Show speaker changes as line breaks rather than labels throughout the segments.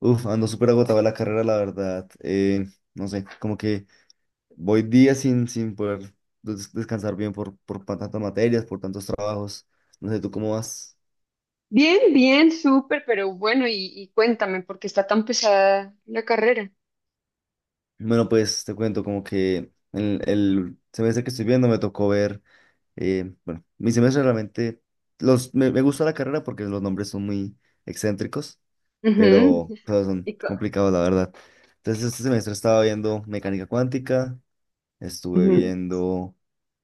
Uf, ando súper agotado de la carrera, la verdad. No sé, como que voy días sin poder descansar bien por tantas materias, por tantos trabajos. No sé, ¿tú cómo vas?
Bien, bien, súper, pero bueno, y cuéntame, ¿por qué está tan pesada la carrera?
Bueno, pues te cuento como que el semestre que estoy viendo me tocó ver, bueno, mi semestre realmente, me gusta la carrera porque los nombres son muy excéntricos,
Ujú.
pero son
y co-
complicados, la verdad. Entonces, este semestre estaba viendo mecánica cuántica, estuve
Ujú.
viendo...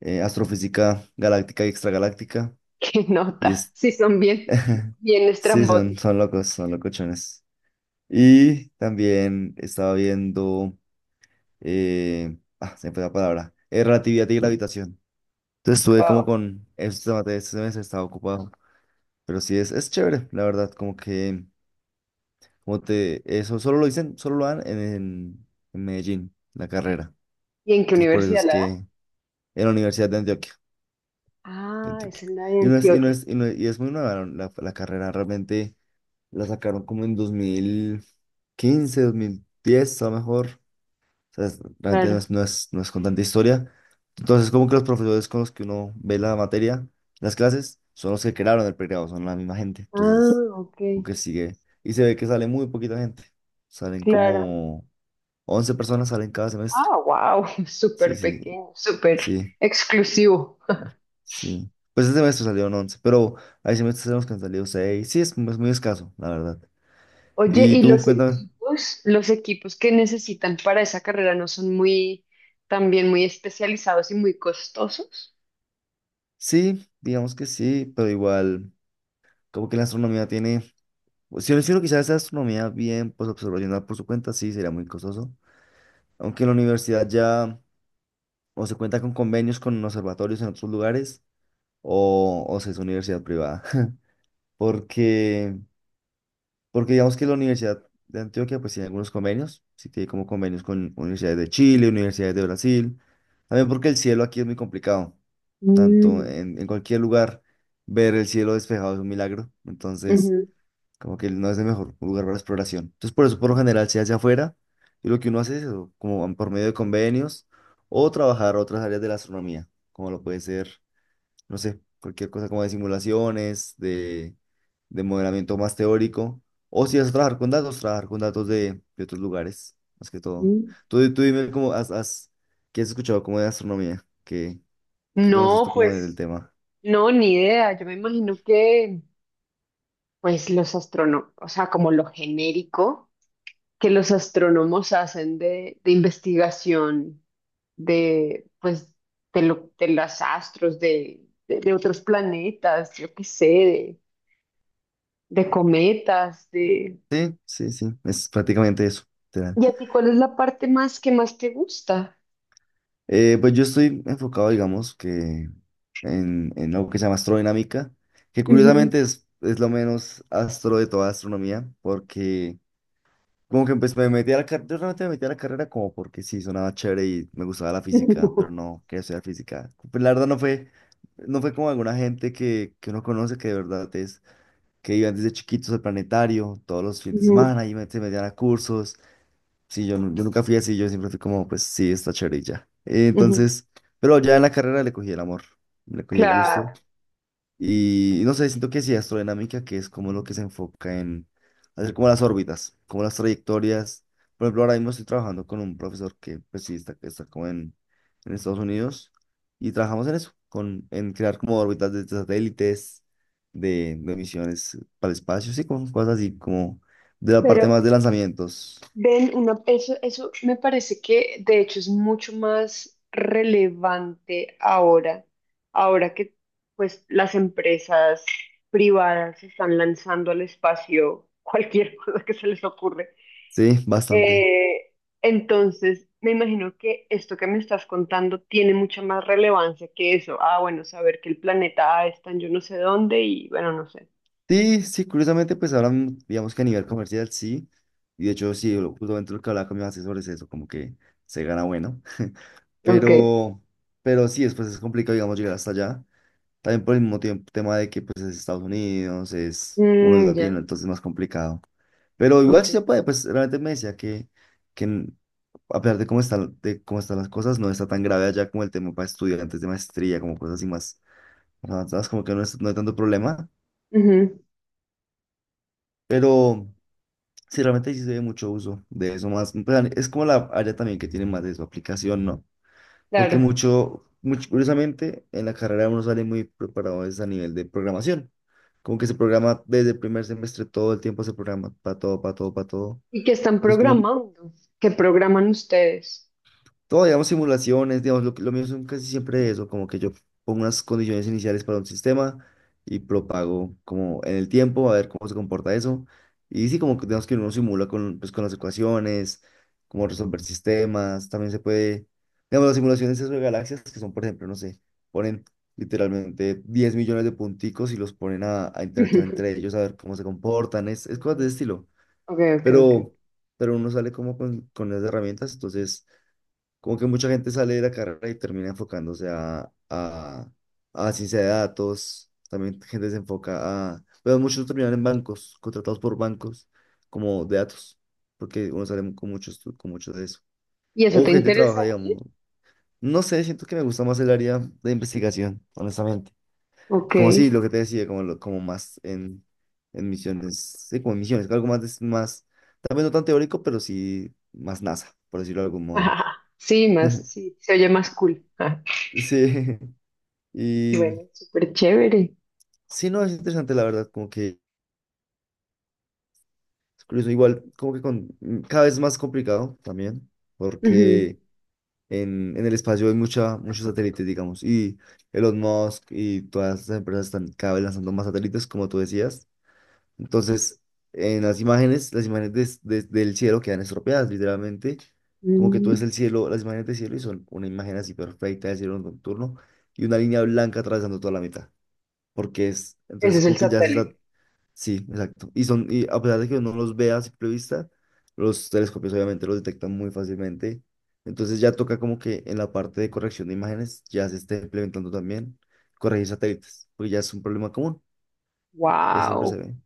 astrofísica galáctica y extragaláctica.
¿Qué
Y
nota?
es...
Sí, son bien, bien
sí,
estrambóticos.
son locos, son locochones. Y también estaba viendo... Ah, se me fue la palabra. Relatividad y gravitación. Entonces estuve como
Wow.
con estos temas de este semestre, estaba ocupado. Pero sí, es chévere, la verdad, como que... Como te... Eso solo lo dicen, solo lo dan en Medellín, la carrera.
¿Y en qué
Entonces por eso
universidad
es
la dan?
que... En la Universidad de Antioquia.
Ah, es
Kentucky.
en la de Antioquia.
Y no es, y es muy nueva la carrera, realmente la sacaron como en 2015, 2010, a lo mejor. O sea, realmente
Claro.
no es con tanta historia. Entonces, como que los profesores con los que uno ve la materia, las clases, son los que crearon el pregrado, son la misma gente.
Ah,
Entonces,
ok.
como que sigue. Y se ve que sale muy poquita gente. Salen
Claro.
como 11 personas salen cada semestre.
Ah, wow.
Sí,
Súper
sí,
pequeño, súper
sí.
exclusivo.
Sí. Pues este semestre salieron 11, pero hay semestres en los que han salido seis. Sí, es muy escaso, la verdad.
Oye,
¿Y
¿y
tú,
los
cuéntame?
equipos? Los equipos que necesitan para esa carrera no son muy, también muy especializados y muy costosos.
Sí, digamos que sí, pero igual, como que la astronomía tiene. Pues, si yo hiciera quizás esa astronomía bien, pues observacional por su cuenta, sí, sería muy costoso. Aunque en la universidad ya o se cuenta con convenios con observatorios en otros lugares, o se es universidad privada. Porque. Porque digamos que la Universidad de Antioquia pues tiene algunos convenios, sí tiene como convenios con universidades de Chile, universidades de Brasil, también porque el cielo aquí es muy complicado, tanto
Mm,
en cualquier lugar ver el cielo despejado es un milagro, entonces
ujú,
como que no es el mejor lugar para la exploración. Entonces por eso por lo general se hace afuera y lo que uno hace es eso, como por medio de convenios o trabajar otras áreas de la astronomía, como lo puede ser no sé, cualquier cosa como de simulaciones, de modelamiento más teórico. O si vas a trabajar con datos de otros lugares, más que todo.
mm.
Tú dime cómo qué has escuchado como de astronomía, qué, qué conoces
No,
tú como del
pues,
tema.
no, ni idea. Yo me imagino que, pues, los astrónomos, o sea, como lo genérico que los astrónomos hacen de investigación de, pues, de los astros, de, de otros planetas, yo qué sé, de cometas, de...
Sí, sí, sí, es prácticamente eso. Literal.
¿Y a ti cuál es la parte más que más te gusta?
Pues yo estoy enfocado, digamos, que en algo que se llama astrodinámica, que
Ujú.
curiosamente es lo menos astro de toda astronomía, porque como que pues me metí a la carrera, yo realmente me metí a la carrera como porque sí, sonaba chévere y me gustaba la física, pero no quería estudiar física. Pues la verdad no fue, no fue como alguna gente que uno conoce que de verdad es, que iban desde chiquitos al planetario, todos los fines de
Ujú,
semana y se metían a cursos. Sí, yo, yo nunca fui así, yo siempre fui como, pues sí, está chévere y ya.
ujú.
Entonces, pero ya en la carrera le cogí el amor, le cogí el gusto.
Claro,
Y no sé, siento que sí, astrodinámica, que es como lo que se enfoca en hacer como las órbitas, como las trayectorias. Por ejemplo, ahora mismo estoy trabajando con un profesor que pues sí está como en Estados Unidos y trabajamos en eso, en crear como órbitas de satélites, de misiones para el espacio, sí, con cosas así como de la parte
pero...
más de lanzamientos.
Ven, una, eso me parece que de hecho es mucho más relevante ahora, ahora que pues las empresas privadas se están lanzando al espacio cualquier cosa que se les ocurre.
Sí, bastante.
Eh, entonces, me imagino que esto que me estás contando tiene mucha más relevancia que eso. Ah, bueno, saber que el planeta A está en yo no sé dónde y bueno, no sé.
Sí, sí, curiosamente, pues ahora, digamos que a nivel comercial, sí. Y de hecho, sí, justamente lo que hablaba con mis asesores es eso, como que se gana bueno.
Ok.
Pero, pero sí, después es complicado, digamos, llegar hasta allá. También por el mismo tiempo, tema de que pues es Estados Unidos, es uno es
Mm,
latino,
ya,
entonces es más complicado. Pero igual
ok.
sí se puede, pues realmente me decía que n- a pesar de cómo están las cosas, no está tan grave allá como el tema para estudiantes de maestría, como cosas así más avanzadas, como que no es, no hay tanto problema.
Ujú.
Pero. Sí, realmente sí se ve mucho uso de eso más. Pues, es como la área también que tiene más de su aplicación, ¿no? Porque
Claro.
mucho, mucho, curiosamente, en la carrera uno sale muy preparado es a nivel de programación. Como que se programa desde el primer semestre, todo el tiempo se programa para todo, para todo, para todo.
¿Y qué están
Entonces, como
programando? ¿Qué programan ustedes?
todo, digamos, simulaciones, digamos, lo mío son casi siempre eso, como que yo pongo unas condiciones iniciales para un sistema y propago como en el tiempo, a ver cómo se comporta eso. Y sí, como que digamos que uno simula pues, con las ecuaciones, como resolver sistemas, también se puede, digamos, las simulaciones de galaxias, que son, por ejemplo, no sé, ponen literalmente 10 millones de punticos y los ponen a interactuar entre ellos, a ver cómo se comportan, es cosas de
Mm,
ese estilo.
ok, ok, ok.
Pero, pero uno sale como con las herramientas, entonces como que mucha gente sale de la carrera y termina enfocándose a ciencia de datos, también gente se enfoca a, pero muchos terminan en bancos, contratados por bancos como de datos, porque uno sale con muchos con mucho de eso.
¿Y eso
O
te
gente trabaja,
interesaría?
digamos, no sé, siento que me gusta más el área de investigación, honestamente.
Ok.
Como sí, lo que te decía, como, como más en misiones, sí, como en misiones, algo más, más, también no tan teórico, pero sí más NASA, por decirlo de algún modo.
Ajá. Sí, más, sí, se oye más cool. Ah,
Sí. Y
bueno, súper chévere.
sí, no, es interesante la verdad, como que es curioso, igual como que con, cada vez más complicado también,
Ujú.
porque en el espacio hay mucha, muchos satélites, digamos, y Elon Musk y todas estas empresas están cada vez lanzando más satélites, como tú decías. Entonces, en las imágenes del cielo quedan estropeadas, literalmente, como que tú ves
Mm.
el cielo, las imágenes del cielo y son una imagen así perfecta del cielo nocturno y una línea blanca atravesando toda la mitad porque es,
Ese
entonces
es el
como que ya se está.
satélite.
Sí, exacto. Y son, y a pesar de que uno los vea a simple vista, los telescopios obviamente los detectan muy fácilmente. Entonces ya toca como que en la parte de corrección de imágenes ya se esté implementando también corregir satélites, porque ya es un problema común, ya siempre se
Wow.
ve.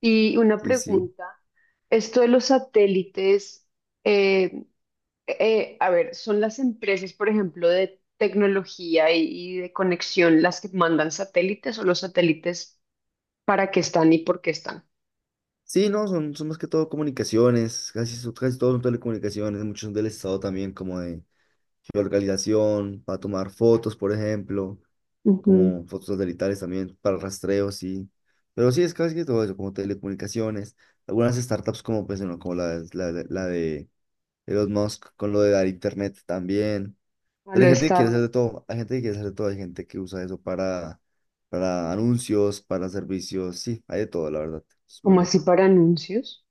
Y una
Sí, sí.
pregunta, esto de los satélites, eh, a ver, ¿son las empresas, por ejemplo, de tecnología y de conexión las que mandan satélites, o los satélites para qué están y por qué están?
Sí, no, son más que todo comunicaciones, casi, casi todos son telecomunicaciones, muchos son del Estado también, como de geolocalización, para tomar fotos, por ejemplo.
Ujú.
Como fotos satelitales también para rastreo, sí. Pero sí, es casi que todo eso, como telecomunicaciones, algunas startups como, pues, bueno, como la de Elon Musk, con lo de dar internet también.
A
Pero hay
lo
gente que quiere hacer de
Starlink.
todo, hay gente que quiere hacer de todo, hay gente que usa eso para anuncios, para servicios, sí, hay de todo, la verdad, es muy
¿Como así
loco.
para anuncios?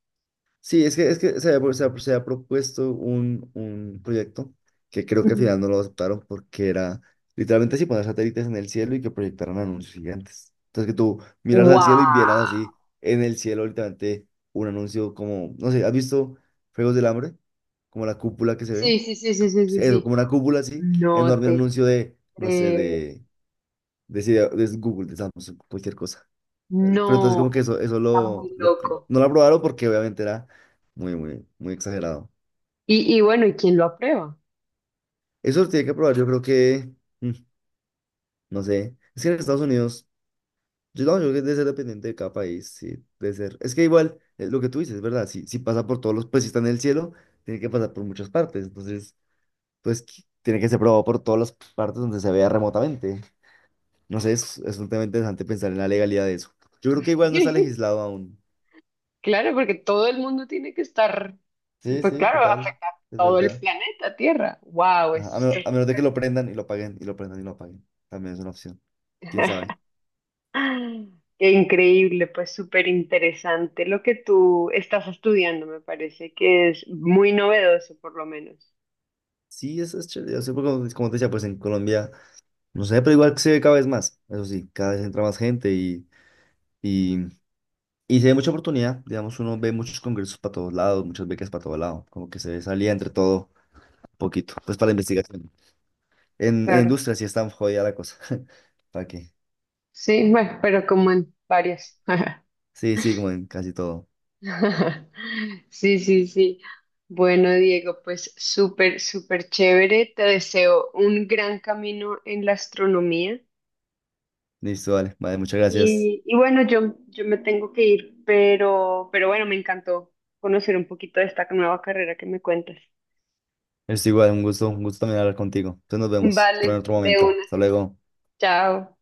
Sí, es que se había propuesto un proyecto que creo que al
Ujú.
final no lo aceptaron porque era literalmente así poner satélites en el cielo y que proyectaran anuncios gigantes. Entonces que tú miraras al cielo y vieras
¡Wow!
así en el cielo literalmente un anuncio como, no sé, ¿has visto Juegos del Hambre? Como la cúpula que se ve.
Sí, sí, sí, sí, sí, sí,
Sí, eso,
sí.
como una cúpula así,
No
enorme
te
anuncio de, no sé,
creo.
de Google, de Samsung, cualquier cosa. Pero entonces como
No,
que eso,
está muy loco.
no lo aprobaron porque obviamente era muy, muy, muy exagerado.
Y bueno, ¿y quién lo aprueba?
Eso lo tiene que aprobar, yo creo que, mm, no sé, es que en Estados Unidos, yo no, yo creo que debe ser dependiente de cada país, sí, debe ser. Es que igual, lo que tú dices, ¿verdad? Si pasa por todos los, pues si está en el cielo, tiene que pasar por muchas partes, entonces, pues tiene que ser aprobado por todas las partes donde se vea remotamente. No sé, es un tema interesante pensar en la legalidad de eso. Yo creo que igual no está legislado aún.
Claro, porque todo el mundo tiene que estar,
Sí,
pues
sí,
claro, va a
total,
afectar
es
todo el
verdad.
planeta Tierra. ¡Wow!
Ajá,
Eso está...
A menos de que lo prendan y lo apaguen, y lo prendan y lo apaguen. También es una opción. ¿Quién sabe?
Qué increíble, pues súper interesante lo que tú estás estudiando, me parece que es muy novedoso por lo menos.
Sí, eso es chévere. Yo sé, porque como te decía, pues en Colombia, no sé, pero igual se ve cada vez más. Eso sí, cada vez entra más gente y, y se ve mucha oportunidad. Digamos, uno ve muchos congresos para todos lados, muchas becas para todos lados. Como que se ve salida entre todo, un poquito, pues para la investigación. En
Claro.
industria sí está jodida la cosa. ¿Para qué?
Sí, bueno, pero como en varias.
Sí, sí, como en casi todo.
Sí, sí, sí. Bueno, Diego, pues súper, súper chévere. Te deseo un gran camino en la astronomía.
Listo, vale. Vale, muchas gracias.
Y bueno, yo me tengo que ir, pero bueno, me encantó conocer un poquito de esta nueva carrera que me cuentas.
Es igual, un gusto también hablar contigo. Entonces nos vemos en
Vale,
otro
de
momento.
una.
Hasta luego.
Chao.